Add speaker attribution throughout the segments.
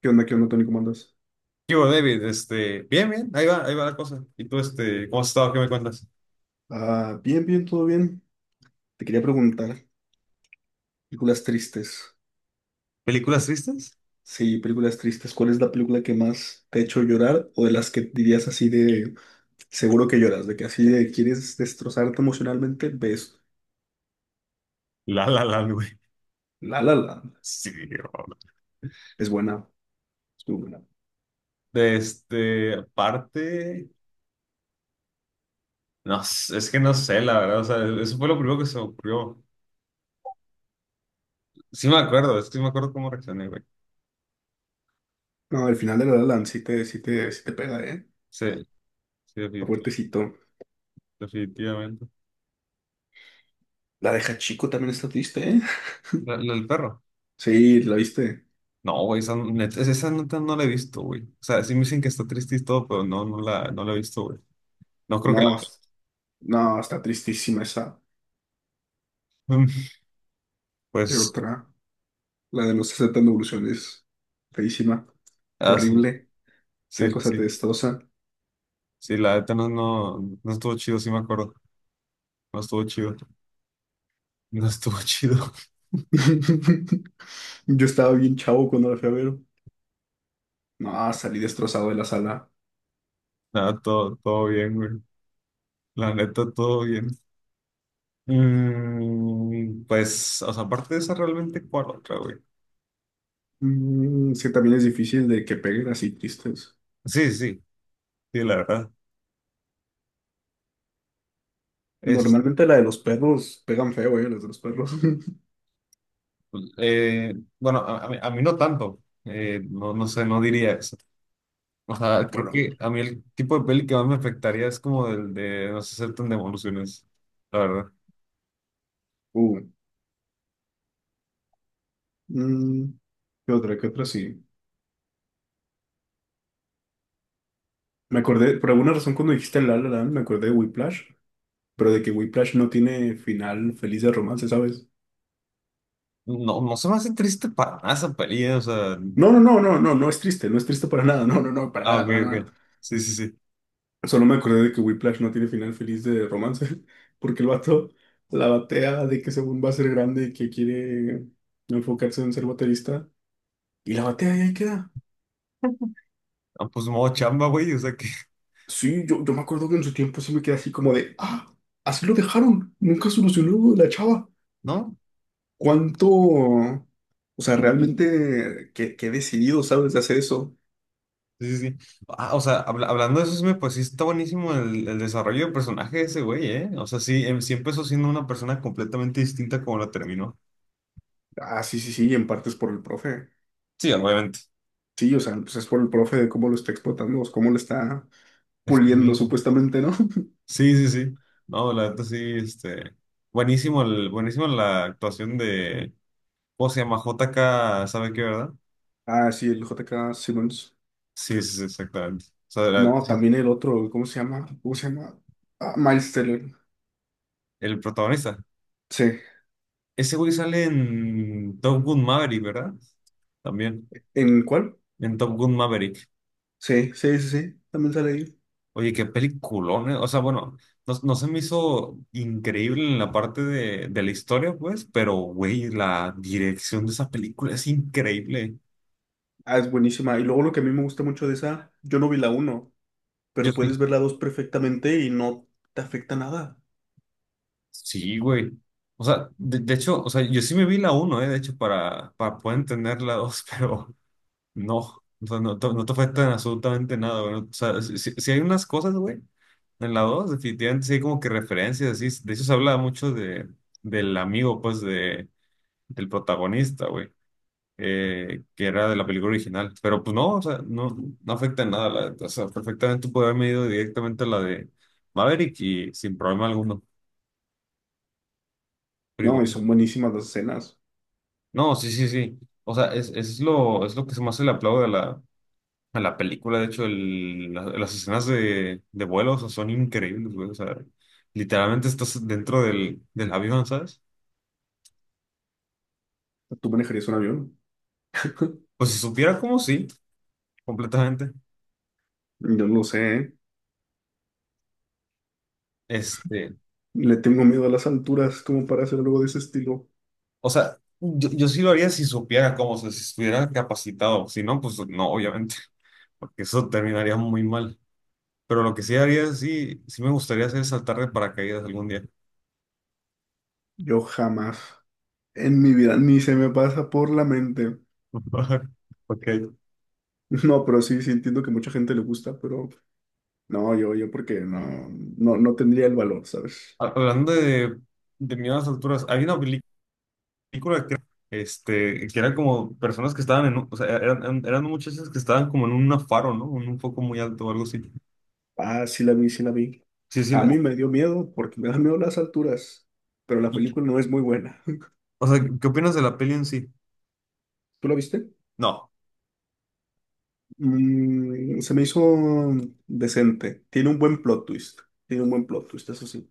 Speaker 1: Qué onda, Tony? ¿Cómo andas?
Speaker 2: ¿Qué hubo, David? Bien, bien, ahí va la cosa. ¿Y tú, cómo has estado? ¿Qué me cuentas?
Speaker 1: Ah, bien, bien, todo bien. Te quería preguntar, películas tristes.
Speaker 2: ¿Películas tristes?
Speaker 1: Sí, películas tristes. ¿Cuál es la película que más te ha hecho llorar o de las que dirías así de seguro que lloras, de que así de quieres destrozarte emocionalmente? Ves
Speaker 2: La La la, güey.
Speaker 1: La La Land.
Speaker 2: Sí, bro.
Speaker 1: Es buena, es muy buena.
Speaker 2: Aparte, es que no sé, la verdad, o sea, eso fue lo primero que se me ocurrió. Sí me acuerdo, es que sí me acuerdo cómo reaccioné, güey.
Speaker 1: No, el final de La La Land sí te pega, ¿eh?
Speaker 2: Sí, sí,
Speaker 1: Está fuertecito.
Speaker 2: definitivamente.
Speaker 1: La de Hachiko también está triste, ¿eh?
Speaker 2: ¿La del perro?
Speaker 1: Sí, ¿la viste?
Speaker 2: No, güey, esa neta no la he visto, güey. O sea, sí me dicen que está triste y todo, pero no, no la he visto, güey. No creo que la.
Speaker 1: No, no, está tristísima esa. ¿Qué
Speaker 2: Pues,
Speaker 1: otra? La de los 60 en evolución feísima,
Speaker 2: ah, sí,
Speaker 1: horrible, esa
Speaker 2: sí,
Speaker 1: cosa te
Speaker 2: sí.
Speaker 1: destroza.
Speaker 2: Sí, la neta no estuvo chido, sí me acuerdo. No estuvo chido. No estuvo chido.
Speaker 1: Yo estaba bien chavo cuando la fui a ver. No, salí destrozado de la sala.
Speaker 2: Nada, todo bien, güey. La neta, todo bien. Pues, o sea, aparte de esa, realmente, ¿cuál otra, güey?
Speaker 1: Mm, sí, también es difícil de que peguen así tristes.
Speaker 2: Sí, sí, sí, la verdad. Es,
Speaker 1: Normalmente la de los perros pegan feo, las de los perros.
Speaker 2: eh, bueno, a mí no tanto. No sé, no diría eso. O sea, creo
Speaker 1: Bueno,
Speaker 2: que a mí el tipo de peli que más me afectaría es como el de No se aceptan devoluciones, la verdad.
Speaker 1: uh, mm, ¿qué otra? ¿Qué otra? Sí. Me acordé, por alguna razón cuando dijiste en La La Land, me acordé de Whiplash, pero de que Whiplash no tiene final feliz de romance, ¿sabes?
Speaker 2: No, no se me hace triste para nada esa peli, o sea.
Speaker 1: No, no, no, no, no, no es triste, no es triste para nada, no, no, no, para
Speaker 2: Ah,
Speaker 1: nada,
Speaker 2: ok,
Speaker 1: para nada.
Speaker 2: ok. Sí, sí, sí.
Speaker 1: Solo me acordé de que Whiplash no tiene final feliz de romance, porque el vato la batea de que según va a ser grande y que quiere enfocarse en ser baterista, y la batea y ahí queda.
Speaker 2: Ah, pues modo chamba, güey, o sea que,
Speaker 1: Sí, yo me acuerdo que en su tiempo sí me quedé así como de, ah, así lo dejaron, nunca solucionó la chava.
Speaker 2: ¿no?
Speaker 1: ¿Cuánto? O sea, realmente, qué, qué decidido, ¿sabes? De hacer eso.
Speaker 2: Sí, sí, sí. Ah, o sea, hablando de eso, pues sí está buenísimo el desarrollo de personaje de ese güey, ¿eh? O sea, sí, sí empezó siendo una persona completamente distinta como la terminó.
Speaker 1: Ah, sí, sí, sí, en parte es por el profe.
Speaker 2: Sí, obviamente.
Speaker 1: Sí, o sea, pues es por el profe de cómo lo está explotando, o cómo lo está puliendo
Speaker 2: Escribiendo.
Speaker 1: supuestamente, ¿no?
Speaker 2: Sí, sí, sí. No, la neta sí. Buenísimo, buenísimo la actuación de. ¿Cómo se llama? JK, ¿sabe qué, verdad?
Speaker 1: Ah, sí, el J. K. Simmons.
Speaker 2: Sí, sí, sí, exactamente. O sea,
Speaker 1: No, también el otro, ¿cómo se llama? ¿Cómo se llama? Ah, Miles Teller.
Speaker 2: el protagonista.
Speaker 1: Sí.
Speaker 2: Ese güey sale en Top Gun Maverick, ¿verdad? También,
Speaker 1: ¿En cuál?
Speaker 2: en Top Gun Maverick.
Speaker 1: Sí, sí, sí, sí. También sale ahí.
Speaker 2: Oye, qué peliculón, ¿eh? O sea, bueno, no, no se me hizo increíble en la parte de la historia, pues, pero, güey, la dirección de esa película es increíble.
Speaker 1: Ah, es buenísima. Y luego lo que a mí me gusta mucho de esa, yo no vi la uno,
Speaker 2: Yo
Speaker 1: pero
Speaker 2: sí.
Speaker 1: puedes ver la 2 perfectamente y no te afecta nada.
Speaker 2: Sí, güey. O sea, de hecho, o sea, yo sí me vi la uno, ¿eh? De hecho, para poder entender la dos, pero no, o sea, no, no te afectan absolutamente nada, güey. O sea, si hay unas cosas, güey, en la 2 definitivamente sí hay como que referencias, así. De eso se habla mucho del amigo, pues, del protagonista, güey, que era de la película original. Pero pues no, o sea, no afecta en nada. La neta. O sea, perfectamente puede haberme ido directamente a la de Maverick y sin problema alguno. Pero
Speaker 1: No, y
Speaker 2: igual.
Speaker 1: son buenísimas las escenas.
Speaker 2: No, sí, sí, sí. O sea, es lo que se me hace el aplauso a la película, de hecho, las escenas de vuelo, o sea, son increíbles, güey. O sea, literalmente estás dentro del avión, ¿sabes?
Speaker 1: ¿Tú manejarías un avión?
Speaker 2: Pues si supiera cómo, sí, completamente.
Speaker 1: Yo no lo sé, ¿eh?
Speaker 2: Este,
Speaker 1: Le tengo miedo a las alturas como para hacer algo de ese estilo.
Speaker 2: o sea, yo sí lo haría si supiera cómo, o sea, si estuviera capacitado. Si no, pues no, obviamente, porque eso terminaría muy mal. Pero lo que sí haría, sí me gustaría hacer es saltar de paracaídas algún día.
Speaker 1: Yo jamás en mi vida ni se me pasa por la mente.
Speaker 2: Ok.
Speaker 1: No, pero sí, sí entiendo que mucha gente le gusta, pero no, yo porque no, no, no tendría el valor, ¿sabes?
Speaker 2: Hablando de miedo a las alturas, hay una película que, eran como personas que estaban o sea, eran muchachas que estaban como en un faro, ¿no? En un foco muy alto o algo así.
Speaker 1: Ah, sí la vi, sí la vi.
Speaker 2: Sí, sí.
Speaker 1: A mí me dio miedo porque me dan miedo las alturas, pero la
Speaker 2: Y-
Speaker 1: película no es muy buena.
Speaker 2: o sea, ¿qué opinas de la peli en sí?
Speaker 1: ¿Tú la viste?
Speaker 2: No,
Speaker 1: Mm, se me hizo decente. Tiene un buen plot twist. Tiene un buen plot twist, eso sí.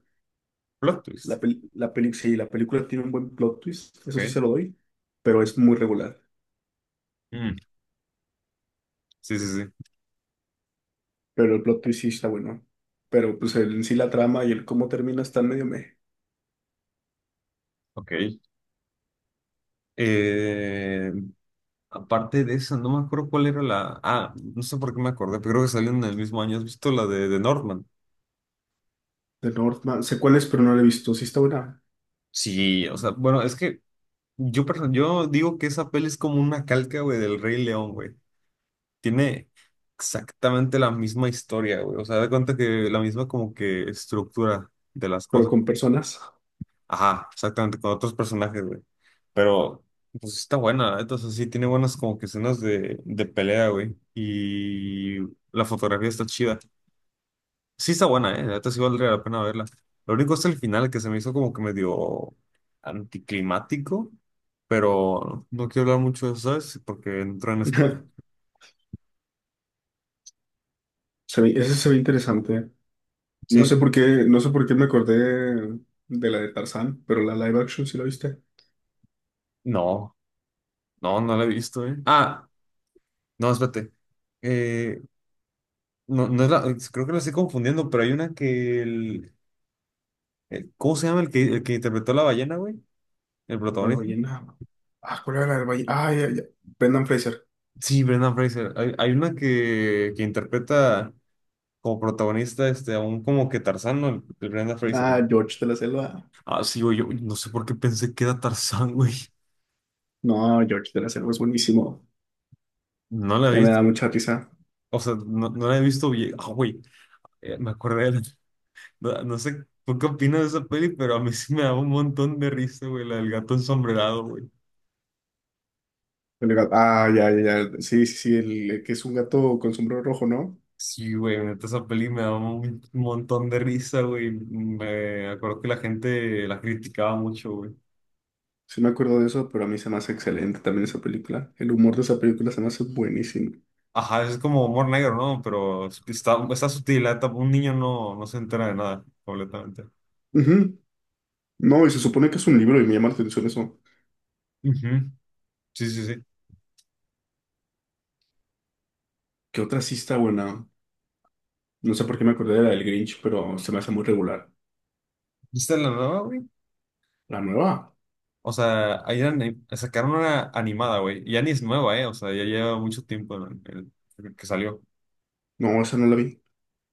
Speaker 2: plot twist.
Speaker 1: Sí, la película tiene un buen plot twist, eso sí
Speaker 2: Ok.
Speaker 1: se lo doy, pero es muy regular.
Speaker 2: Mm, sí, sí, sí.
Speaker 1: Pero el plot twist sí está bueno. Pero pues en sí la trama y el cómo termina está medio meh.
Speaker 2: Ok. Eh, aparte de esa, no me acuerdo cuál era la. Ah, no sé por qué me acordé, pero creo que salió en el mismo año. ¿Has visto la de Norman?
Speaker 1: The Northman, sé cuál es, pero no la he visto. Sí está buena,
Speaker 2: Sí, o sea, bueno, es que yo digo que esa peli es como una calca, güey, del Rey León, güey. Tiene exactamente la misma historia, güey. O sea, de cuenta que la misma como que estructura de las
Speaker 1: pero
Speaker 2: cosas.
Speaker 1: con personas.
Speaker 2: Ajá, exactamente, con otros personajes, güey. Pero, pues está buena, entonces sí, tiene buenas como que escenas de pelea, güey. Y la fotografía está chida. Sí está buena, eh. La neta sí valdría la pena verla. Lo único es el final que se me hizo como que medio anticlimático, pero no quiero hablar mucho de eso, ¿sabes? Porque entró en spoiler.
Speaker 1: Ese se ve interesante. No
Speaker 2: Sí,
Speaker 1: sé por qué, no sé por qué me acordé de la de Tarzán, pero la live action sí la viste.
Speaker 2: no. No, no la he visto, ¿eh? Ah, no, espérate. Eh, no, no es la, creo que la estoy confundiendo, pero hay una que ¿cómo se llama el que, interpretó a la ballena, güey? El
Speaker 1: A la
Speaker 2: protagonista.
Speaker 1: ballena. Ah, ¿cuál era la del ballena? Ah, ya, ya. Brendan Fraser.
Speaker 2: Sí, Brendan Fraser. Hay una que interpreta como protagonista a un como que Tarzán, ¿no? El Brendan Fraser.
Speaker 1: Ah, George de la Selva.
Speaker 2: Ah, sí, güey, yo no sé por qué pensé que era Tarzán, güey.
Speaker 1: No, George de la Selva es buenísimo.
Speaker 2: No la he
Speaker 1: A mí me
Speaker 2: visto.
Speaker 1: da mucha risa.
Speaker 2: O sea, no la he visto bien. Ah, güey, me acordé. No, no sé tú qué opinas de esa peli, pero a mí sí me daba un montón de risa, güey, la del gato ensombrerado, güey.
Speaker 1: Ah, ya, ya, ya. Sí, sí, sí, el que es un gato con sombrero rojo, ¿no?
Speaker 2: Sí, güey, neta, esa peli me daba un montón de risa, güey. Me acuerdo que la gente la criticaba mucho, güey.
Speaker 1: Sí me acuerdo de eso, pero a mí se me hace excelente también esa película. El humor de esa película se me hace buenísimo.
Speaker 2: Ajá, es como humor negro, ¿no? Pero está sutil, la neta, un niño no se entera de nada, completamente.
Speaker 1: Ujú. No, y se supone que es un libro y me llama la atención eso.
Speaker 2: Ujú, sí, sí, sí.
Speaker 1: ¿Qué otra sí está buena? No sé por qué me acordé de la del Grinch, pero se me hace muy regular.
Speaker 2: ¿Viste la nueva, güey?
Speaker 1: ¿La nueva?
Speaker 2: O sea, ahí sacaron una animada, güey. Y ya ni es nueva, ¿eh? O sea, ya lleva mucho tiempo que salió.
Speaker 1: No, esa no la vi.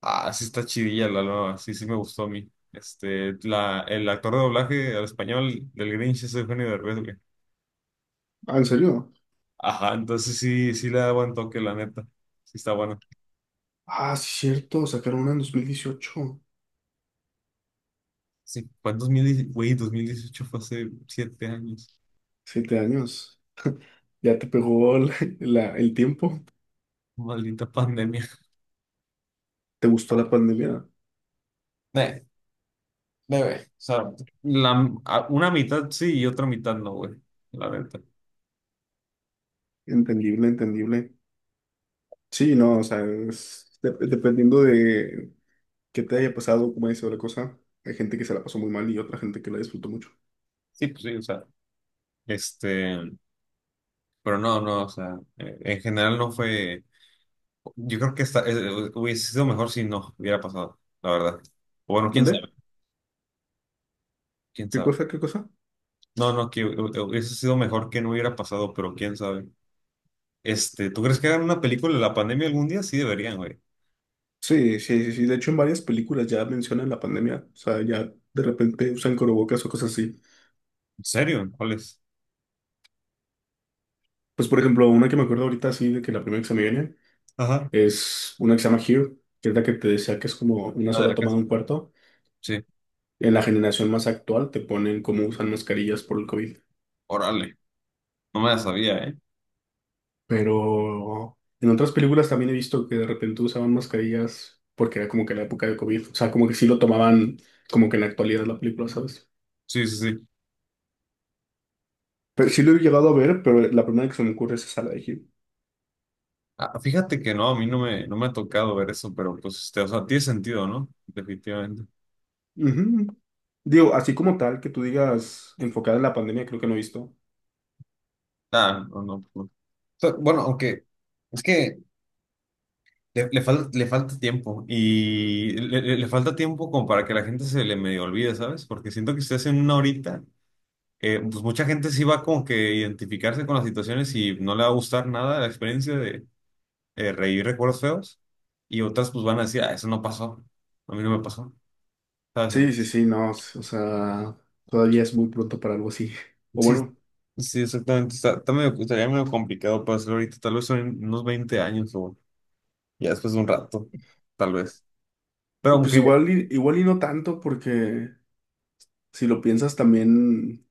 Speaker 2: Ah, sí está chidilla la nueva, sí me gustó a mí. El actor de doblaje al español del Grinch es Eugenio Derbez, güey.
Speaker 1: Ah, ¿en serio?
Speaker 2: Ajá, entonces sí le da buen toque, la neta. Sí está bueno.
Speaker 1: Ah, sí, cierto. Sacaron una en 2018.
Speaker 2: Sí, fue en 2010, güey, 2018 fue hace 7 años.
Speaker 1: 7 años. Ya te pegó el tiempo.
Speaker 2: Maldita pandemia.
Speaker 1: ¿Te gustó la pandemia?
Speaker 2: Eh, bebé, o sea, una mitad sí y otra mitad no, güey, la neta.
Speaker 1: Entendible, entendible. Sí, no, o sea, dependiendo de qué te haya pasado, cómo haya sido la cosa, hay gente que se la pasó muy mal y otra gente que la disfrutó mucho.
Speaker 2: Sí, pues sí, o sea, este, pero no, no, o sea, en general no fue. Yo creo que hubiese sido mejor si no hubiera pasado, la verdad. O bueno, quién
Speaker 1: ¿Dónde?
Speaker 2: sabe, quién
Speaker 1: ¿Qué
Speaker 2: sabe.
Speaker 1: cosa? ¿Qué cosa?
Speaker 2: No, no, que hubiese sido mejor que no hubiera pasado, pero quién sabe. ¿Tú crees que hagan una película de la pandemia algún día? Sí deberían, güey.
Speaker 1: Sí, sí, sí, sí. De hecho, en varias películas ya mencionan la pandemia. O sea, ya de repente usan corobocas o cosas así.
Speaker 2: ¿En serio? ¿Cuál es?
Speaker 1: Pues, por ejemplo, una que me acuerdo ahorita, así, de que la primera que se me viene
Speaker 2: Ajá.
Speaker 1: es una que se llama Here, que es la que te decía que es como una
Speaker 2: La de
Speaker 1: sola
Speaker 2: la
Speaker 1: toma de
Speaker 2: casa.
Speaker 1: un cuarto.
Speaker 2: Sí.
Speaker 1: En la generación más actual te ponen cómo usan mascarillas por el COVID.
Speaker 2: Órale. No me la sabía, ¿eh?
Speaker 1: Pero en otras películas también he visto que de repente usaban mascarillas porque era como que la época de COVID. O sea, como que sí lo tomaban como que en la actualidad de la película, ¿sabes?
Speaker 2: Sí, sí, sí.
Speaker 1: Pero sí lo he llegado a ver, pero la primera que se me ocurre es esa, la de Him.
Speaker 2: Ah, fíjate que no, a mí no me ha tocado ver eso, pero pues, o sea, tiene sentido, ¿no? Definitivamente.
Speaker 1: Ujú. Digo, así como tal, que tú digas enfocada en la pandemia, creo que no he visto.
Speaker 2: Ah, no, no. No. Bueno, aunque, es que le falta tiempo y le falta tiempo como para que la gente se le medio olvide, ¿sabes? Porque siento que si hacen una horita, pues mucha gente sí va como que identificarse con las situaciones y no le va a gustar nada la experiencia de reír recuerdos feos y otras pues van a decir, ah, eso no pasó, a mí no me pasó, ¿sabes?
Speaker 1: Sí, sí,
Speaker 2: Entonces,
Speaker 1: sí, no. O sea, todavía es muy pronto para algo así. O
Speaker 2: sí,
Speaker 1: bueno,
Speaker 2: sí, exactamente. Estaría medio complicado para hacerlo ahorita, tal vez en unos 20 años o ya después de un rato, tal vez. Pero
Speaker 1: pues
Speaker 2: aunque...
Speaker 1: igual, igual y no tanto, porque si lo piensas también.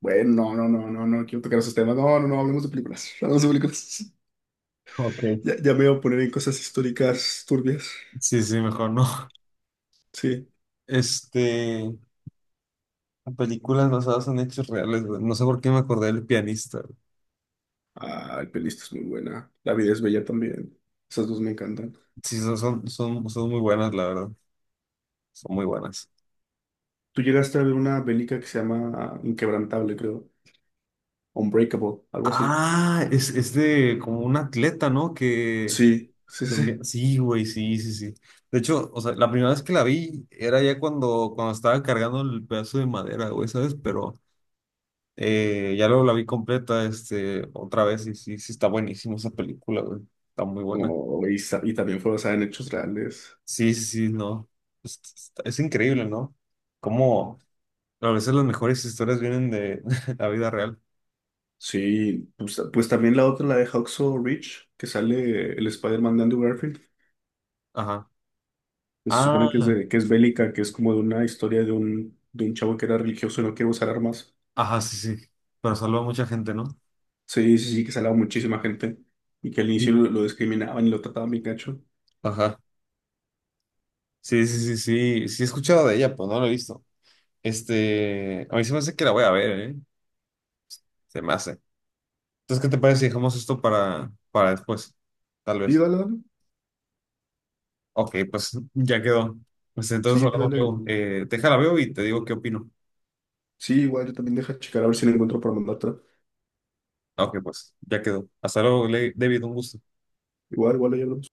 Speaker 1: Bueno, no, no, no, no, no quiero tocar esos temas. No, no, no, hablemos de películas. Hablemos de películas.
Speaker 2: Ok.
Speaker 1: Ya, ya me voy a poner en cosas históricas turbias.
Speaker 2: Sí, sí, mejor no.
Speaker 1: Sí.
Speaker 2: Este, películas basadas en hechos reales, güey. No sé por qué me acordé del pianista. Güey.
Speaker 1: Ah, el pelista es muy buena. La vida es bella también. Esas dos me encantan.
Speaker 2: Sí, son muy buenas, la verdad. Son muy buenas.
Speaker 1: Tú llegaste a ver una bélica que se llama ah, Inquebrantable, creo. Unbreakable, algo así.
Speaker 2: Ah, es de como un atleta, ¿no?
Speaker 1: Sí, sí, sí.
Speaker 2: Sí, güey, sí, sí, sí. De hecho, o sea, la primera vez que la vi era ya cuando estaba cargando el pedazo de madera, güey, ¿sabes? Pero ya luego la vi completa, otra vez, y sí está buenísima esa película, güey. Está muy buena.
Speaker 1: No, y, y también fue basada en hechos reales.
Speaker 2: Sí, sí, sí, no. Es increíble, ¿no? Cómo a veces las mejores historias vienen de la vida real.
Speaker 1: Sí, pues, pues también la otra, la de Hacksaw Ridge, que sale el Spider-Man de Andrew Garfield.
Speaker 2: Ajá.
Speaker 1: Se supone
Speaker 2: Ah,
Speaker 1: que es, que es bélica, que es como de una historia de un chavo que era religioso y no quiere usar armas.
Speaker 2: ajá, sí, sí. Pero salva a mucha gente, ¿no?
Speaker 1: Sí, sí, sí, que salaba muchísima gente y que al inicio
Speaker 2: Sí.
Speaker 1: lo discriminaban y lo trataban bien gacho.
Speaker 2: Ajá. Sí, sí, sí, sí. Sí he escuchado de ella, pues no la he visto. A mí se me hace que la voy a ver, ¿eh? Se me hace. Entonces, ¿qué te parece si dejamos esto para después? Tal
Speaker 1: Sí,
Speaker 2: vez.
Speaker 1: dale, dale.
Speaker 2: Ok, pues ya quedó. Pues entonces
Speaker 1: Sí,
Speaker 2: hablamos
Speaker 1: dale.
Speaker 2: luego. Déjala veo y te digo qué opino.
Speaker 1: Sí, igual yo también deja checar a ver si la encuentro para mandártela.
Speaker 2: Ok, pues ya quedó. Hasta luego, David, un gusto.
Speaker 1: Igual, igual, ahí hablamos.